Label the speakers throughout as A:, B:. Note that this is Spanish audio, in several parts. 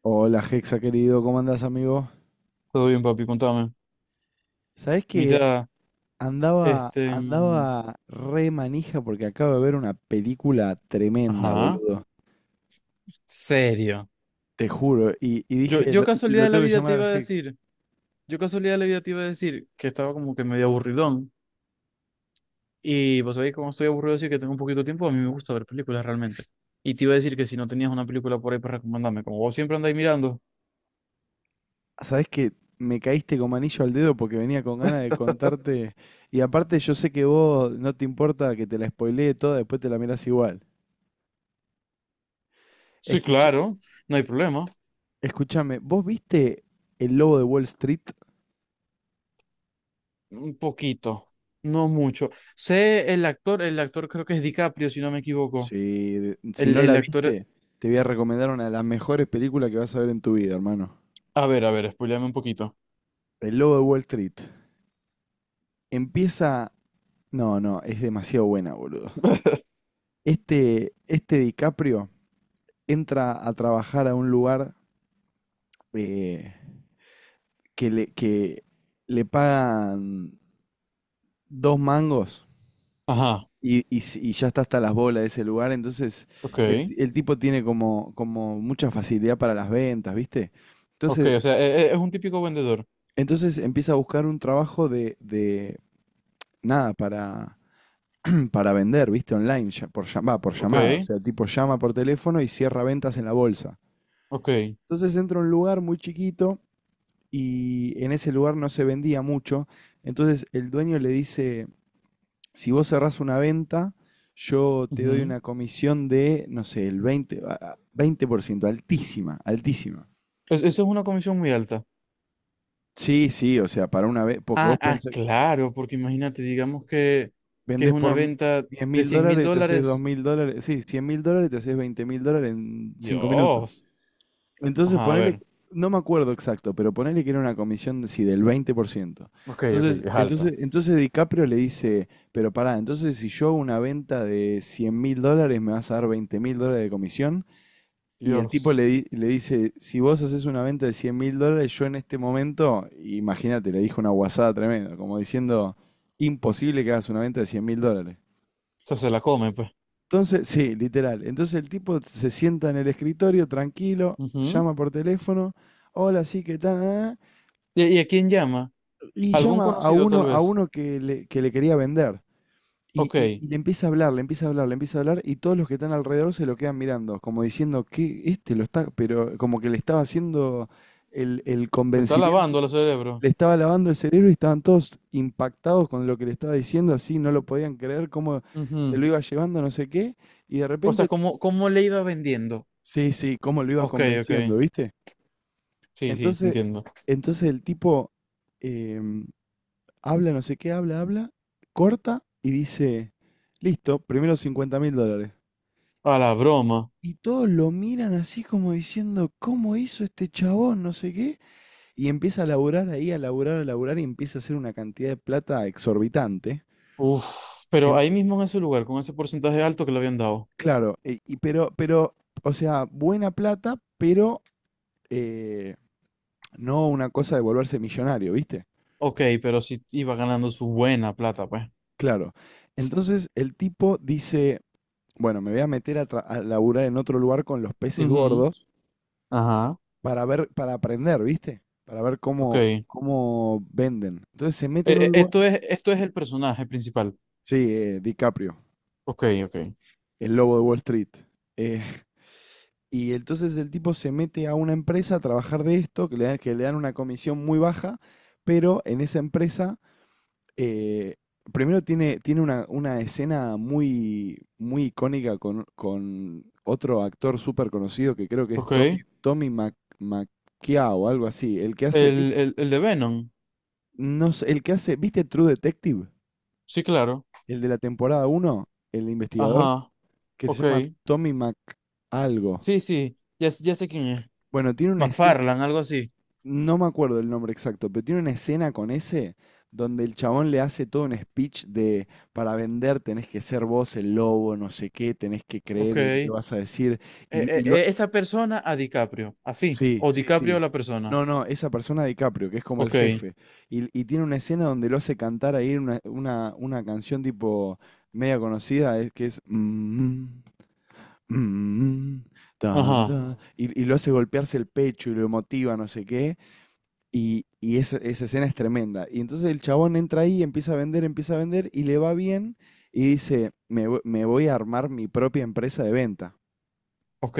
A: Hola, Hexa querido, ¿cómo andás, amigo?
B: Todo bien, papi, contame.
A: ¿Sabés que
B: Mira,
A: andaba,
B: este... mm,
A: andaba re manija porque acabo de ver una película tremenda,
B: ajá.
A: boludo?
B: Serio.
A: Te juro. Y
B: Yo,
A: dije,
B: yo
A: lo,
B: casualidad
A: lo
B: de la
A: tengo que
B: vida te
A: llamar al
B: iba a
A: Hex.
B: decir, yo casualidad de la vida te iba a decir que estaba como que medio aburridón. Y vos sabéis cómo estoy aburrido, así que tengo un poquito de tiempo, a mí me gusta ver películas realmente. Y te iba a decir que si no tenías una película por ahí para recomendarme, como vos siempre andáis mirando.
A: ¿Sabés que me caíste como anillo al dedo porque venía con ganas de contarte? Y aparte, yo sé que vos no te importa que te la spoilee toda, después te la mirás igual.
B: Sí,
A: Escucha,
B: claro, no hay problema.
A: escúchame, ¿vos viste El Lobo de Wall Street?
B: Un poquito, no mucho. Sé el actor creo que es DiCaprio, si no me equivoco.
A: Sí, si
B: El,
A: no
B: el
A: la
B: actor...
A: viste, te voy a recomendar una de las mejores películas que vas a ver en tu vida, hermano.
B: A ver, spoileame un poquito.
A: El Lobo de Wall Street. Empieza... No, no, es demasiado buena, boludo. Este DiCaprio entra a trabajar a un lugar eh, que le pagan dos mangos
B: Ajá.
A: y ya está hasta las bolas de ese lugar. Entonces,
B: Ok,
A: el tipo tiene como mucha facilidad para las ventas, ¿viste?
B: ok,
A: Entonces,
B: o sea, es, un típico vendedor.
A: Entonces empieza a buscar un trabajo de nada, para vender, ¿viste? Online, por
B: Ok,
A: llamada. O sea, el tipo llama por teléfono y cierra ventas en la bolsa.
B: ok.
A: Entonces entra a un lugar muy chiquito y en ese lugar no se vendía mucho. Entonces el dueño le dice, si vos cerrás una venta, yo te doy
B: Ujú.
A: una comisión de, no sé, el 20, 20% altísima, altísima.
B: Eso es una comisión muy alta.
A: Sí, sí, o sea, para una vez, porque vos
B: Ah, ah,
A: pensás,
B: claro, porque imagínate, digamos que es
A: vendes
B: una
A: por
B: venta
A: diez
B: de
A: mil
B: cien mil
A: dólares, te haces dos
B: dólares.
A: mil dólares, sí, $100.000, te haces $20.000 en 5 minutos.
B: Dios.
A: Entonces
B: Ajá, a
A: ponele,
B: ver.
A: no me acuerdo exacto, pero ponele que era una comisión de, sí, del 20%.
B: Ok, ok,
A: Entonces,
B: es alta.
A: entonces, entonces DiCaprio le dice, pero pará, entonces si yo hago una venta de $100.000 me vas a dar $20.000 de comisión. Y el tipo
B: Dios.
A: le dice, si vos haces una venta de 100 mil dólares, yo en este momento, imagínate, le dijo una guasada tremenda, como diciendo, imposible que hagas una venta de 100 mil dólares.
B: O sea, se la come, pues.
A: Entonces, sí, literal. Entonces el tipo se sienta en el escritorio tranquilo,
B: Ujú.
A: llama por teléfono, hola, sí, ¿qué tal? Ah,
B: Y a quién llama?
A: y
B: ¿Algún
A: llama a
B: conocido,
A: uno,
B: tal
A: a
B: vez?
A: uno que le quería vender. Y,
B: Ok,
A: y- y le empieza a hablar, le empieza a hablar, le empieza a hablar, y todos los que están alrededor se lo quedan mirando, como diciendo que este lo está, pero como que le estaba haciendo el
B: lo está
A: convencimiento,
B: lavando el cerebro.
A: le estaba lavando el cerebro y estaban todos impactados con lo que le estaba diciendo, así no lo podían creer, cómo se lo
B: Ujú.
A: iba llevando, no sé qué, y de
B: O sea,
A: repente.
B: ¿cómo, cómo le iba vendiendo?
A: Sí, sí, cómo lo iba
B: Ok, ok.
A: convenciendo, ¿viste?
B: Sí, sí,
A: Entonces,
B: entiendo.
A: entonces el tipo em, habla, no sé qué, habla, habla, corta y dice, listo, primero $50.000.
B: A la broma.
A: Y todos lo miran así como diciendo, ¿cómo hizo este chabón? No sé qué. Y empieza a laburar ahí, a laburar y empieza a hacer una cantidad de plata exorbitante.
B: Uf, pero
A: En-
B: ahí mismo en ese lugar, con ese porcentaje alto que le habían dado.
A: claro, y, pero, o sea, buena plata, pero eh, no una cosa de volverse millonario, ¿viste?
B: Ok, pero sí iba ganando su buena plata, pues.
A: Claro. Entonces el tipo dice, bueno, me voy a meter a laburar en otro lugar con los peces
B: Ujú,
A: gordos
B: ajá,
A: para ver, para aprender, ¿viste? Para ver
B: ok.
A: cómo, cómo venden. Entonces se mete en un lugar.
B: Esto es, esto es el personaje principal.
A: Sí, DiCaprio,
B: Ok, ok.
A: el lobo de Wall Street. Eh, y entonces el tipo se mete a una empresa a trabajar de esto, que le dan una comisión muy baja, pero en esa empresa. Eh, Primero tiene una escena muy, muy icónica con otro actor súper conocido que creo que es
B: Ok.
A: Tommy Macchia o algo así. El que hace, ¿viste?
B: El de Venom.
A: No sé, el que hace, ¿viste True Detective?
B: Sí, claro.
A: El de la temporada uno, el investigador,
B: Ajá,
A: que se
B: ok.
A: llama Tommy Mac algo.
B: Sí, sí, ya, ya sé quién es.
A: Bueno, tiene una escena.
B: McFarlane, algo así.
A: No me acuerdo el nombre exacto, pero tiene una escena con ese donde el chabón le hace todo un speech de, para vender tenés que ser vos el lobo, no sé qué, tenés que
B: Ok.
A: creer en lo que vas a decir. Y, y lo-
B: Esa persona a DiCaprio, así.
A: sí,
B: O
A: sí,
B: DiCaprio a
A: sí.
B: la persona.
A: No, no, esa persona DiCaprio, que es como el
B: Ok.
A: jefe. Y tiene una escena donde lo hace cantar ahí una canción tipo media conocida, es que es "Mm, mm, mm, tan,
B: Ajá,
A: tan", y lo hace golpearse el pecho y lo motiva, no sé qué. Y esa escena es tremenda. Y entonces el chabón entra ahí, empieza a vender y le va bien y dice, me voy a armar mi propia empresa de venta.
B: ok.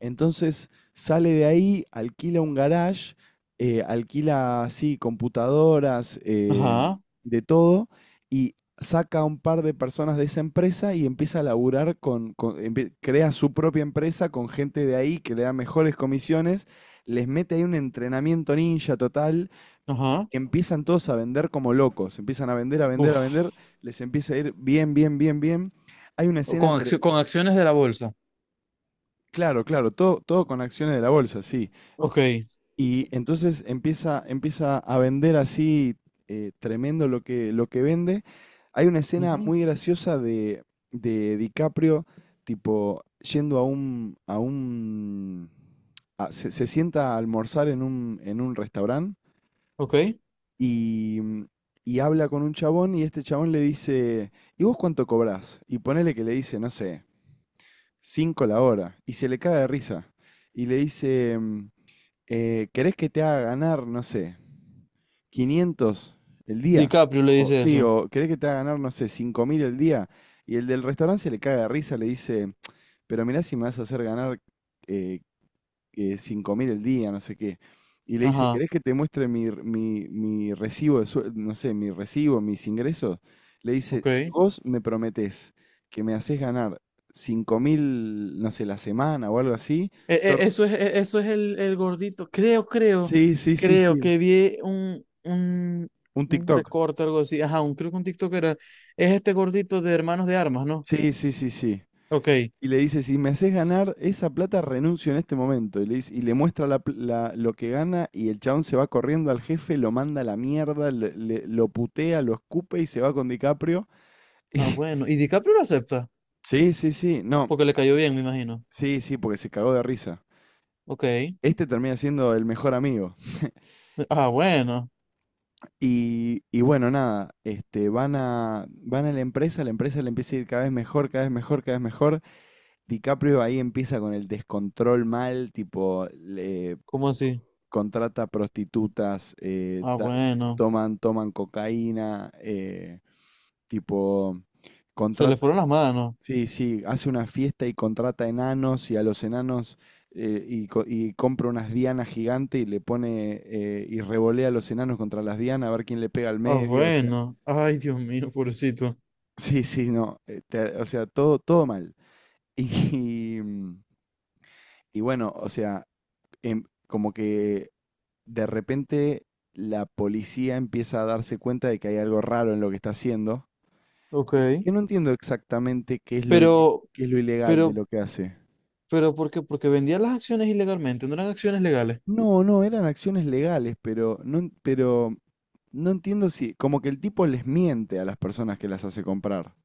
A: Entonces sale de ahí, alquila un garage, alquila así computadoras,
B: Ajá,
A: de todo y saca a un par de personas de esa empresa y empieza a laburar crea su propia empresa con gente de ahí que le da mejores comisiones, les mete ahí un entrenamiento ninja total.
B: ajá.
A: Empiezan todos a vender como locos, empiezan a vender, a vender, a
B: Uf.
A: vender, les empieza a ir bien, bien, bien, bien. Hay una escena,
B: Con acciones de la bolsa.
A: claro, claro, todo, todo con acciones de la bolsa, sí.
B: Ok.
A: Y entonces empieza a vender así, tremendo lo que, vende. Hay una escena
B: Ujú,
A: muy graciosa de DiCaprio, tipo, yendo a un se sienta a almorzar en un restaurante
B: ok.
A: y, mm, y habla con un chabón y este chabón le dice, ¿y vos cuánto cobrás? Y ponele que le dice, no sé, 5 la hora. Y se le cae de risa. Y le dice, ¿querés que te haga ganar, no sé, 500 el día?
B: DiCaprio le
A: O,
B: dice
A: sí,
B: eso.
A: o ¿querés que te haga ganar, no sé, 5.000 el día? Y el del restaurante se le cae de risa, le dice, pero mirá si me vas a hacer ganar eh, 5 mil el día, no sé qué. Y le dice,
B: Ajá.
A: ¿querés que te muestre mi recibo no sé, mi recibo, mis ingresos? Le dice,
B: Ok.
A: si vos me prometés que me haces ganar 5.000, no sé, la semana o algo así, yo-
B: Eso es, eso es el gordito. Creo, creo,
A: sí, sí, sí,
B: creo
A: sí.
B: que vi
A: Un
B: un
A: TikTok.
B: recorte, algo así. Ajá, un, creo que un TikTok era. Es este gordito de Hermanos de Armas, ¿no?
A: Sí, sí, sí, sí.
B: Ok.
A: Y le dice, si me haces ganar esa plata, renuncio en este momento. Y le muestra la lo que gana y el chabón se va corriendo al jefe, lo manda a la mierda, lo putea, lo escupe y se va con DiCaprio. Y-
B: Ah, bueno. ¿Y DiCaprio lo acepta?
A: Sí, sí, sí, no,
B: Porque le cayó bien, me imagino.
A: sí, sí, porque se cagó de risa.
B: Ok.
A: Este termina siendo el mejor amigo.
B: Ah, bueno.
A: Y bueno, nada, van a la empresa le empieza a ir cada vez mejor, cada vez mejor, cada vez mejor. DiCaprio ahí empieza con el descontrol mal, tipo,
B: ¿Cómo
A: co-
B: así?
A: contrata prostitutas,
B: Ah, bueno.
A: toman cocaína, tipo,
B: Se le
A: contrata,
B: fueron las manos.
A: sí, sí, hace una fiesta y contrata enanos y a los enanos y compra unas dianas gigantes y le pone, y revolea a los enanos contra las dianas a ver quién le pega al
B: Ah,
A: medio, o sea,
B: bueno. Ay, Dios mío, pobrecito.
A: sí, sí, no, o sea, todo, todo mal. Y, mm, y bueno, o sea, como que de repente la policía empieza a darse cuenta de que hay algo raro en lo que está haciendo, que
B: Ok.
A: que no entiendo exactamente qué es
B: Pero,
A: qué es lo ilegal de
B: pero,
A: lo que hace.
B: pero, ¿por qué? Porque vendía las acciones ilegalmente, no eran acciones legales.
A: No, no, eran acciones legales, pero no, pero no entiendo si, como que el tipo les miente a las personas que las hace comprar.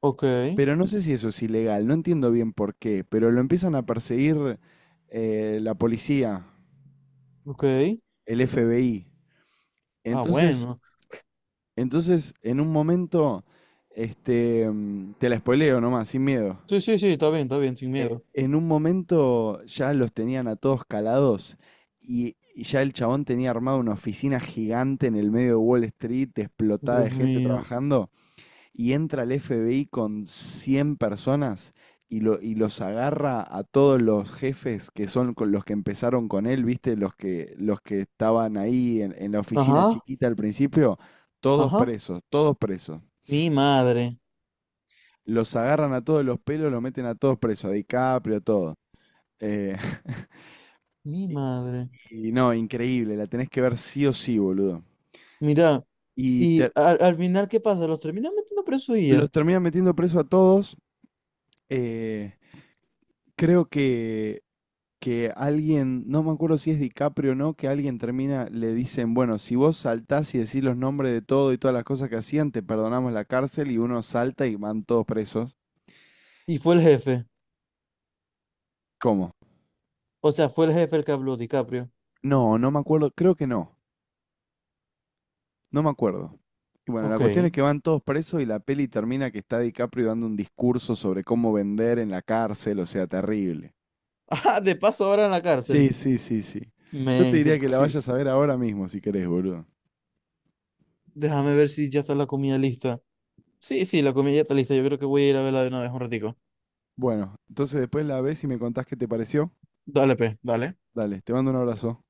B: Ok.
A: Pero no sé si eso es ilegal, no entiendo bien por qué, pero lo empiezan a perseguir, la policía,
B: Ok.
A: el FBI.
B: Ah,
A: Entonces,
B: bueno.
A: entonces, en un momento, te la spoileo nomás, sin miedo.
B: Sí, sí, sí, está bien, sin miedo.
A: En un momento ya los tenían a todos calados, y ya el chabón tenía armado una oficina gigante en el medio de Wall Street, explotada
B: Dios
A: de gente
B: mío.
A: trabajando, y entra el FBI con 100 personas y los agarra a todos los jefes que son con los que empezaron con él, ¿viste? Los que estaban ahí en la oficina
B: Ajá.
A: chiquita al principio, todos
B: Ajá.
A: presos, todos presos.
B: Mi madre,
A: Los agarran a todos los pelos, los meten a todos presos, a DiCaprio, a todos. Eh,
B: mi madre.
A: Y no, increíble, la tenés que ver sí o sí, boludo.
B: Mira,
A: Y
B: y
A: te-
B: al, al final, ¿qué pasa? Los terminan metiendo preso y ya.
A: los terminan metiendo preso a todos. eh, creo que alguien, no me acuerdo si es DiCaprio o no, que alguien termina, le dicen, bueno, si vos saltás y decís los nombres de todo y todas las cosas que hacían, te perdonamos la cárcel y uno salta y van todos presos.
B: Y fue el jefe.
A: ¿Cómo?
B: O sea, fue el jefe el que habló, DiCaprio.
A: No, no me acuerdo, creo que no, no me acuerdo. Y bueno, la
B: Ok.
A: cuestión es que van todos presos y la peli termina que está DiCaprio dando un discurso sobre cómo vender en la cárcel, o sea, terrible.
B: Ah, de paso ahora en la cárcel.
A: Sí, sí, sí, sí. Yo te
B: Men, que,
A: diría que la vayas a ver ahora mismo si querés, boludo.
B: déjame ver si ya está la comida lista. Sí, sí, la comida ya está lista. Yo creo que voy a ir a verla de una vez un ratico.
A: Bueno, entonces después la ves y me contás qué te pareció.
B: Dale, pe, dale.
A: Dale, te mando un abrazo.